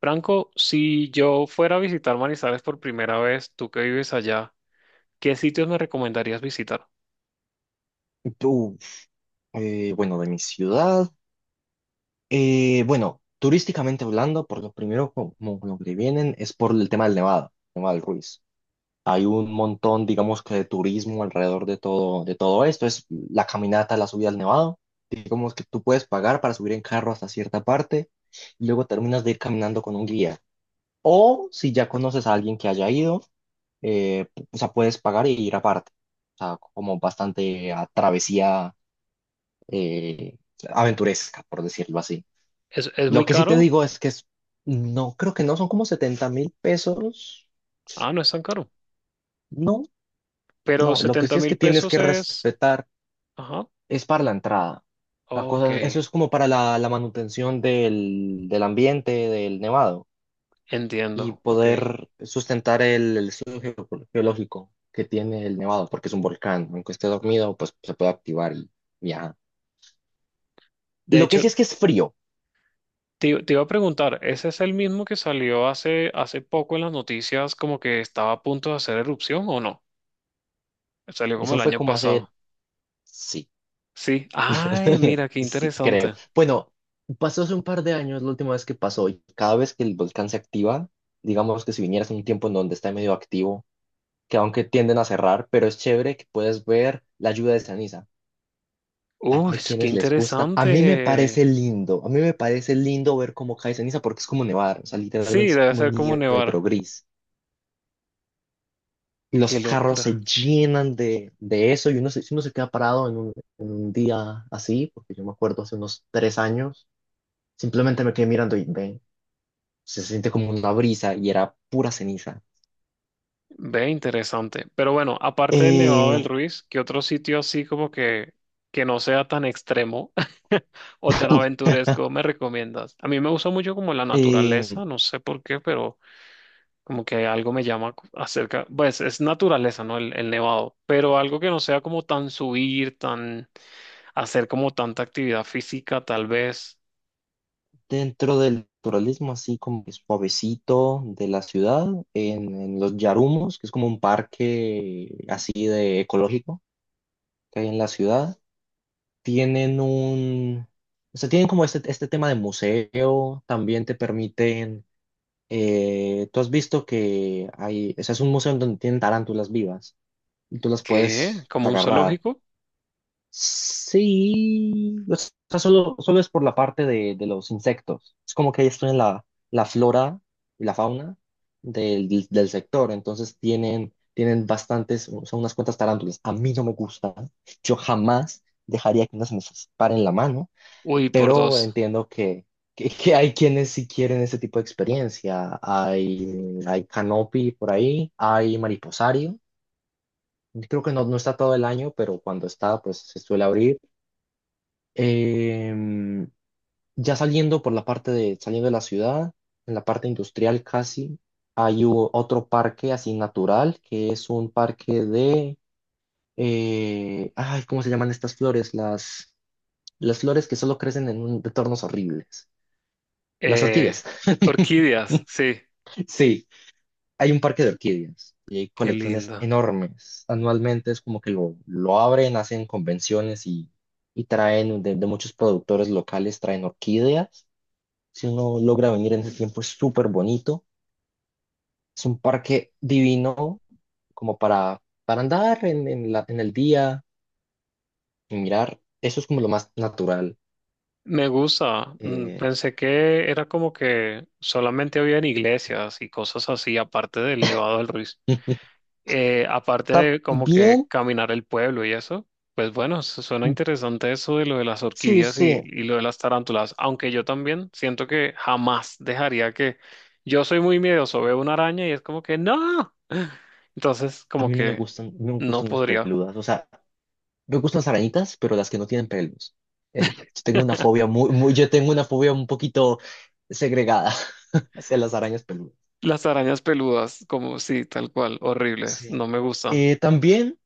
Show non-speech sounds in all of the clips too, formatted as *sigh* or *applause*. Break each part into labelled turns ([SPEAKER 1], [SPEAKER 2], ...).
[SPEAKER 1] Franco, si yo fuera a visitar Manizales por primera vez, tú que vives allá, ¿qué sitios me recomendarías visitar?
[SPEAKER 2] Tú, bueno, de mi ciudad, bueno, turísticamente hablando, por lo primero como lo que vienen es por el tema del Nevado, Nevado del Ruiz. Hay un montón, digamos que de turismo alrededor de todo esto. Es la caminata, la subida al Nevado. Digamos que tú puedes pagar para subir en carro hasta cierta parte y luego terminas de ir caminando con un guía. O si ya conoces a alguien que haya ido, o sea, puedes pagar y ir aparte. O sea, como bastante a travesía eh, aventuresca, por decirlo así.
[SPEAKER 1] ¿Es
[SPEAKER 2] Lo
[SPEAKER 1] muy
[SPEAKER 2] que sí te
[SPEAKER 1] caro?
[SPEAKER 2] digo es que es, no, creo que no son como 70.000 pesos.
[SPEAKER 1] Ah, no es tan caro.
[SPEAKER 2] No,
[SPEAKER 1] Pero
[SPEAKER 2] no, lo que sí
[SPEAKER 1] setenta
[SPEAKER 2] es que
[SPEAKER 1] mil
[SPEAKER 2] tienes que
[SPEAKER 1] pesos es.
[SPEAKER 2] respetar
[SPEAKER 1] Ajá.
[SPEAKER 2] es para la entrada. La
[SPEAKER 1] Ok,
[SPEAKER 2] cosa, eso es como para la manutención del ambiente, del nevado y
[SPEAKER 1] entiendo. Ok.
[SPEAKER 2] poder sustentar el estudio geológico que tiene el nevado, porque es un volcán. Aunque esté dormido, pues se puede activar y viajar.
[SPEAKER 1] De
[SPEAKER 2] Lo que
[SPEAKER 1] hecho,
[SPEAKER 2] sí es que es frío.
[SPEAKER 1] te iba a preguntar, ¿ese es el mismo que salió hace poco en las noticias como que estaba a punto de hacer erupción o no? Salió como
[SPEAKER 2] Eso
[SPEAKER 1] el
[SPEAKER 2] fue
[SPEAKER 1] año
[SPEAKER 2] como
[SPEAKER 1] pasado.
[SPEAKER 2] hace, sí,
[SPEAKER 1] Sí. Ay,
[SPEAKER 2] *laughs*
[SPEAKER 1] mira, qué
[SPEAKER 2] Sí, creo.
[SPEAKER 1] interesante.
[SPEAKER 2] Bueno, pasó hace un par de años la última vez que pasó y cada vez que el volcán se activa, digamos que si vinieras en un tiempo en donde está medio activo, que aunque tienden a cerrar, pero es chévere que puedes ver la lluvia de ceniza. Hay,
[SPEAKER 1] Uy,
[SPEAKER 2] hay
[SPEAKER 1] qué
[SPEAKER 2] quienes les gusta. A mí me
[SPEAKER 1] interesante.
[SPEAKER 2] parece lindo, a mí me parece lindo ver cómo cae ceniza porque es como nevar, o sea,
[SPEAKER 1] Sí,
[SPEAKER 2] literalmente es
[SPEAKER 1] debe
[SPEAKER 2] como
[SPEAKER 1] ser como
[SPEAKER 2] nieve,
[SPEAKER 1] nevar.
[SPEAKER 2] pero gris. Y los
[SPEAKER 1] Qué
[SPEAKER 2] carros se
[SPEAKER 1] locura.
[SPEAKER 2] llenan de eso y si uno se queda parado en un día así, porque yo me acuerdo hace unos 3 años. Simplemente me quedé mirando y ven, se siente como una brisa y era pura ceniza.
[SPEAKER 1] Ve, interesante. Pero bueno, aparte del Nevado del
[SPEAKER 2] Eh,
[SPEAKER 1] Ruiz, ¿qué otro sitio así como que no sea tan extremo *laughs* o tan
[SPEAKER 2] *laughs*
[SPEAKER 1] aventuresco me recomiendas? A mí me gusta mucho como la
[SPEAKER 2] eh,
[SPEAKER 1] naturaleza, no sé por qué, pero. Como que algo me llama acerca, pues es naturaleza, ¿no? El nevado, pero algo que no sea como tan subir, tan hacer como tanta actividad física, tal vez.
[SPEAKER 2] dentro del naturalismo, así como es suavecito de la ciudad, en los Yarumos, que es como un parque así de ecológico que hay en la ciudad, tienen un, o sea, tienen como este tema de museo, también te permiten, tú has visto que hay, o sea, es un museo en donde tienen tarántulas vivas y tú las
[SPEAKER 1] ¿Qué?
[SPEAKER 2] puedes
[SPEAKER 1] ¿Como un
[SPEAKER 2] agarrar.
[SPEAKER 1] zoológico?
[SPEAKER 2] Sí, o sea, solo es por la parte de los insectos. Es como que ellos tienen la flora y la fauna del sector, entonces tienen bastantes, son unas cuantas tarántulas. A mí no me gustan, yo jamás dejaría que unas me paren la mano,
[SPEAKER 1] Uy, por
[SPEAKER 2] pero
[SPEAKER 1] dos.
[SPEAKER 2] entiendo que hay quienes sí quieren ese tipo de experiencia. Hay canopy por ahí, hay mariposario. Creo que no, no está todo el año, pero cuando está, pues se suele abrir. Em, ya saliendo por saliendo de la ciudad, en la parte industrial casi, hay otro parque así natural, que es un parque de, ay, ¿cómo se llaman estas flores? Las flores que solo crecen en entornos horribles. Las
[SPEAKER 1] Eh,
[SPEAKER 2] orquídeas. *laughs*
[SPEAKER 1] orquídeas, sí,
[SPEAKER 2] Sí, hay un parque de orquídeas y hay
[SPEAKER 1] qué
[SPEAKER 2] colecciones
[SPEAKER 1] lindo.
[SPEAKER 2] enormes. Anualmente es como que lo abren, hacen convenciones y traen de muchos productores locales, traen orquídeas. Si uno logra venir en ese tiempo, es súper bonito. Es un parque divino como para andar en en el día y mirar. Eso es como lo más natural.
[SPEAKER 1] Me gusta.
[SPEAKER 2] Eh,
[SPEAKER 1] Pensé que era como que solamente había en iglesias y cosas así, aparte del Nevado del Ruiz.
[SPEAKER 2] *laughs*
[SPEAKER 1] Aparte de como que
[SPEAKER 2] también,
[SPEAKER 1] caminar el pueblo y eso, pues bueno, suena interesante eso de lo de las
[SPEAKER 2] sí,
[SPEAKER 1] orquídeas y,
[SPEAKER 2] sí.
[SPEAKER 1] y lo de las tarántulas, aunque yo también siento que jamás dejaría que yo soy muy miedoso, veo una araña y es como que no. *laughs* Entonces,
[SPEAKER 2] A
[SPEAKER 1] como
[SPEAKER 2] mí no me
[SPEAKER 1] que
[SPEAKER 2] gustan, no me
[SPEAKER 1] no
[SPEAKER 2] gustan las
[SPEAKER 1] podría.
[SPEAKER 2] peludas. O sea, me gustan las arañitas, pero las que no tienen pelos. Yo tengo una fobia un poquito segregada *laughs* hacia las arañas peludas.
[SPEAKER 1] Las arañas peludas, como sí, tal cual, horribles,
[SPEAKER 2] Sí.
[SPEAKER 1] no me gustan.
[SPEAKER 2] También.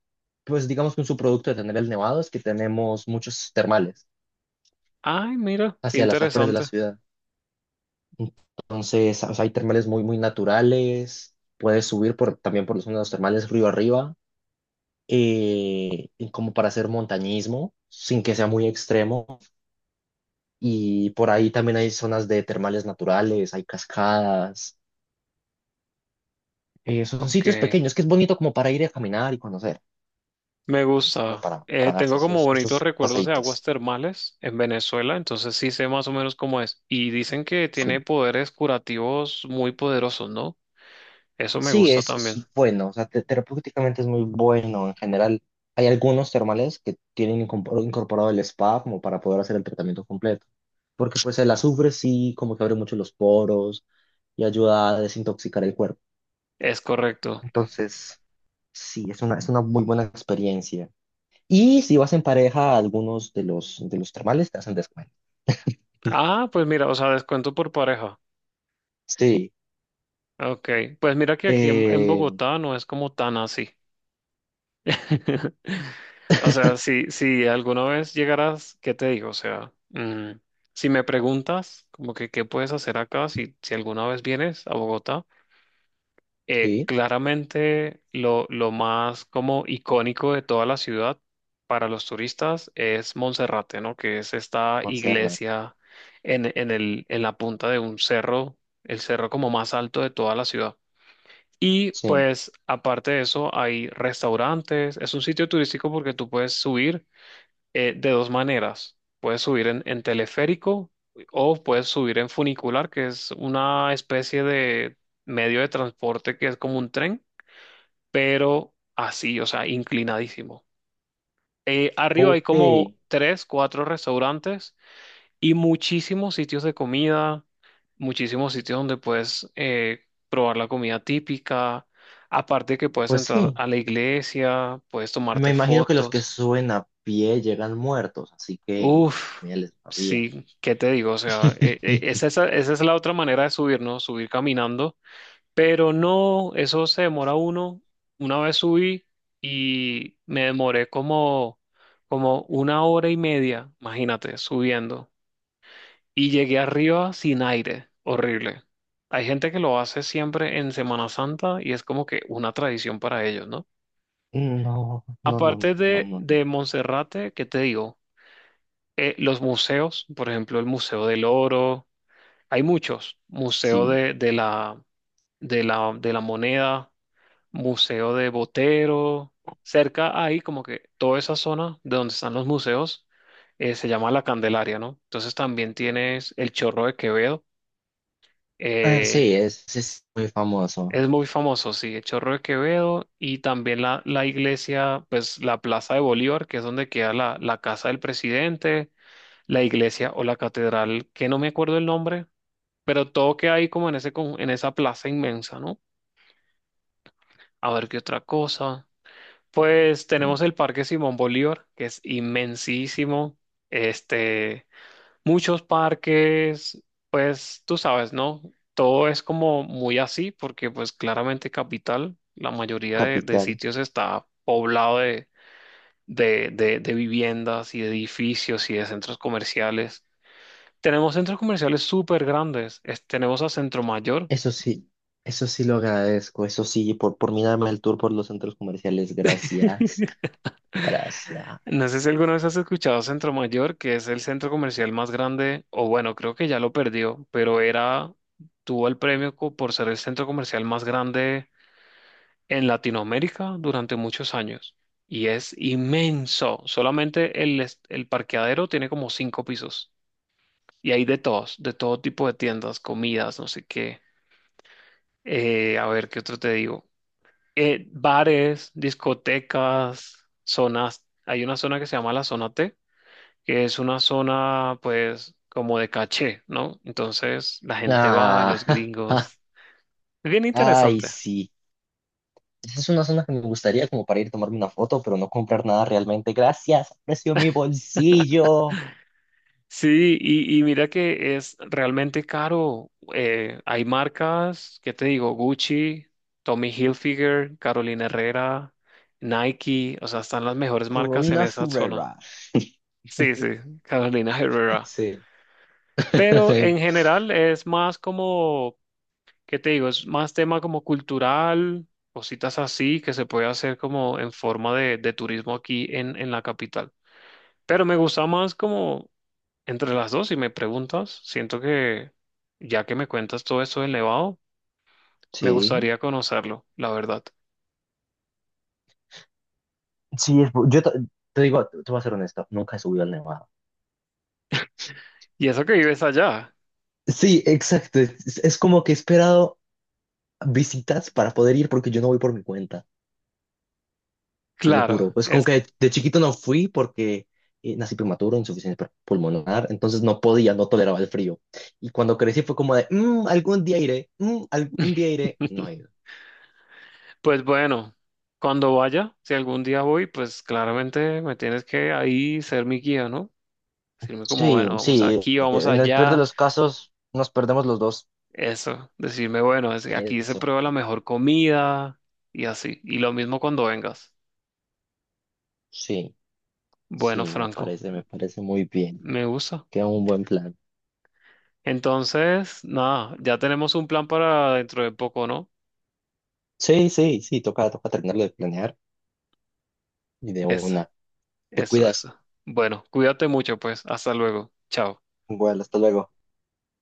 [SPEAKER 2] Pues digamos que un subproducto de tener el nevado es que tenemos muchos termales
[SPEAKER 1] Ay, mira, qué
[SPEAKER 2] hacia las afueras de la
[SPEAKER 1] interesante.
[SPEAKER 2] ciudad. Entonces, o sea, hay termales muy naturales. Puedes subir por, también por los termales río arriba, y como para hacer montañismo, sin que sea muy extremo. Y por ahí también hay zonas de termales naturales, hay cascadas. Son
[SPEAKER 1] Ok.
[SPEAKER 2] sitios pequeños que es bonito como para ir a caminar y conocer,
[SPEAKER 1] Me
[SPEAKER 2] es como
[SPEAKER 1] gusta. Eh,
[SPEAKER 2] para darse
[SPEAKER 1] tengo como bonitos
[SPEAKER 2] esos
[SPEAKER 1] recuerdos de aguas
[SPEAKER 2] paseitos.
[SPEAKER 1] termales en Venezuela, entonces sí sé más o menos cómo es. Y dicen que tiene
[SPEAKER 2] Sí.
[SPEAKER 1] poderes curativos muy poderosos, ¿no? Eso me
[SPEAKER 2] Sí,
[SPEAKER 1] gusta también.
[SPEAKER 2] es bueno, o sea, terapéuticamente es muy bueno. En general, hay algunos termales que tienen incorporado el spa como para poder hacer el tratamiento completo. Porque pues el azufre sí como que abre mucho los poros y ayuda a desintoxicar el cuerpo.
[SPEAKER 1] Es correcto.
[SPEAKER 2] Entonces, sí, es una muy buena experiencia. Y si vas en pareja, algunos de de los termales te hacen descuento.
[SPEAKER 1] Ah, pues mira, o sea, descuento por pareja.
[SPEAKER 2] Sí,
[SPEAKER 1] Ok, pues mira que aquí en
[SPEAKER 2] eh,
[SPEAKER 1] Bogotá no es como tan así. *laughs* O sea,
[SPEAKER 2] *laughs*
[SPEAKER 1] si alguna vez llegaras, ¿qué te digo? O sea, si me preguntas, como que qué puedes hacer acá, si alguna vez vienes a Bogotá. eh,
[SPEAKER 2] sí,
[SPEAKER 1] claramente lo más como icónico de toda la ciudad para los turistas es Monserrate, ¿no? Que es esta
[SPEAKER 2] Montserrat,
[SPEAKER 1] iglesia en la punta de un cerro, el cerro como más alto de toda la ciudad. Y
[SPEAKER 2] sí.
[SPEAKER 1] pues aparte de eso hay restaurantes, es un sitio turístico porque tú puedes subir de dos maneras. Puedes subir en teleférico o puedes subir en funicular, que es una especie de medio de transporte que es como un tren pero así, o sea, inclinadísimo. Arriba hay
[SPEAKER 2] Ok,
[SPEAKER 1] como tres, cuatro restaurantes y muchísimos sitios de comida, muchísimos sitios donde puedes probar la comida típica. Aparte que puedes
[SPEAKER 2] pues
[SPEAKER 1] entrar
[SPEAKER 2] sí.
[SPEAKER 1] a la iglesia, puedes
[SPEAKER 2] Me
[SPEAKER 1] tomarte
[SPEAKER 2] imagino que los que
[SPEAKER 1] fotos.
[SPEAKER 2] suben a pie llegan muertos, así que
[SPEAKER 1] Uf,
[SPEAKER 2] mira, les va bien.
[SPEAKER 1] sí, ¿qué te digo? O sea,
[SPEAKER 2] *laughs*
[SPEAKER 1] esa es la otra manera de subir, ¿no? Subir caminando. Pero no, eso se demora uno. Una vez subí y me demoré como una hora y media, imagínate, subiendo. Y llegué arriba sin aire, horrible. Hay gente que lo hace siempre en Semana Santa y es como que una tradición para ellos, ¿no?
[SPEAKER 2] No, no, no,
[SPEAKER 1] Aparte
[SPEAKER 2] no, no.
[SPEAKER 1] de,
[SPEAKER 2] No.
[SPEAKER 1] de Monserrate, ¿qué te digo? Los museos, por ejemplo, el Museo del Oro, hay muchos, Museo
[SPEAKER 2] Sí.
[SPEAKER 1] de la Moneda. Museo de Botero, cerca ahí como que toda esa zona de donde están los museos se llama La Candelaria, ¿no? Entonces también tienes el Chorro de Quevedo,
[SPEAKER 2] Ah,
[SPEAKER 1] eh,
[SPEAKER 2] sí, es muy famoso.
[SPEAKER 1] es muy famoso, sí, el Chorro de Quevedo y también la iglesia, pues la Plaza de Bolívar, que es donde queda la casa del presidente, la iglesia o la catedral, que no me acuerdo el nombre, pero todo queda ahí como en en esa plaza inmensa, ¿no? A ver qué otra cosa. Pues
[SPEAKER 2] Mm,
[SPEAKER 1] tenemos el Parque Simón Bolívar, que es inmensísimo. Este, muchos parques, pues tú sabes, ¿no? Todo es como muy así, porque pues claramente capital, la mayoría de
[SPEAKER 2] capital.
[SPEAKER 1] sitios está poblado de viviendas y de edificios y de centros comerciales. Tenemos centros comerciales súper grandes. Tenemos a Centro Mayor.
[SPEAKER 2] Eso sí, eso sí lo agradezco. Eso sí, por mí darme el tour por los centros comerciales. Gracias. Gracias.
[SPEAKER 1] No sé si alguna vez has escuchado Centro Mayor, que es el centro comercial más grande, o bueno, creo que ya lo perdió, pero era, tuvo el premio por ser el centro comercial más grande en Latinoamérica durante muchos años. Y es inmenso. Solamente el parqueadero tiene como cinco pisos. Y hay de todos, de todo tipo de tiendas, comidas, no sé qué. A ver, ¿qué otro te digo? Bares, discotecas, zonas. Hay una zona que se llama la zona T que es una zona pues como de caché, ¿no? Entonces la gente va, los
[SPEAKER 2] Ah, *laughs*
[SPEAKER 1] gringos. Es bien
[SPEAKER 2] ay,
[SPEAKER 1] interesante.
[SPEAKER 2] sí. Esa es una zona que me gustaría como para ir a tomarme una foto, pero no comprar nada realmente. Gracias. Aprecio mi bolsillo.
[SPEAKER 1] Sí, y mira que es realmente caro. Hay marcas, ¿qué te digo? Gucci, Tommy Hilfiger, Carolina Herrera, Nike, o sea, están las mejores marcas en
[SPEAKER 2] Carolina
[SPEAKER 1] esa zona.
[SPEAKER 2] Ferrera.
[SPEAKER 1] Sí, sí, Carolina Herrera.
[SPEAKER 2] Sí.
[SPEAKER 1] Pero en
[SPEAKER 2] *laughs*
[SPEAKER 1] general es más como. ¿Qué te digo? Es más tema como cultural, cositas así que se puede hacer como en forma de turismo aquí en la capital. Pero me gusta más como entre las dos, si me preguntas, siento que ya que me cuentas todo esto del Nevado, me
[SPEAKER 2] Sí.
[SPEAKER 1] gustaría conocerlo, la verdad.
[SPEAKER 2] Sí, es te digo, te voy a ser honesto, nunca he subido al Nevado.
[SPEAKER 1] Y eso que vives allá,
[SPEAKER 2] Sí, exacto. Es como que he esperado visitas para poder ir porque yo no voy por mi cuenta, te lo
[SPEAKER 1] claro,
[SPEAKER 2] juro. Es como
[SPEAKER 1] es,
[SPEAKER 2] que de chiquito no fui porque nací prematuro, insuficiencia pulmonar, entonces no podía, no toleraba el frío. Y cuando crecí fue como de, "Mm, algún día iré, mm, algún día iré. No he ido."
[SPEAKER 1] pues bueno, cuando vaya, si algún día voy, pues claramente me tienes que ahí ser mi guía, ¿no? Decirme como,
[SPEAKER 2] Sí,
[SPEAKER 1] bueno, vamos
[SPEAKER 2] sí,
[SPEAKER 1] aquí, vamos
[SPEAKER 2] en el peor de
[SPEAKER 1] allá.
[SPEAKER 2] los casos nos perdemos los dos.
[SPEAKER 1] Eso, decirme, bueno, aquí se
[SPEAKER 2] Eso.
[SPEAKER 1] prueba la mejor comida y así. Y lo mismo cuando vengas.
[SPEAKER 2] Sí.
[SPEAKER 1] Bueno,
[SPEAKER 2] Sí,
[SPEAKER 1] Franco,
[SPEAKER 2] me parece muy bien.
[SPEAKER 1] me gusta.
[SPEAKER 2] Queda un buen plan.
[SPEAKER 1] Entonces, nada, ya tenemos un plan para dentro de poco, ¿no?
[SPEAKER 2] Sí, sí, sí, toca, toca terminarlo de planear y de
[SPEAKER 1] Eso,
[SPEAKER 2] una. Te
[SPEAKER 1] eso,
[SPEAKER 2] cuidas.
[SPEAKER 1] eso. Bueno, cuídate mucho, pues. Hasta luego. Chao.
[SPEAKER 2] Bueno, hasta luego.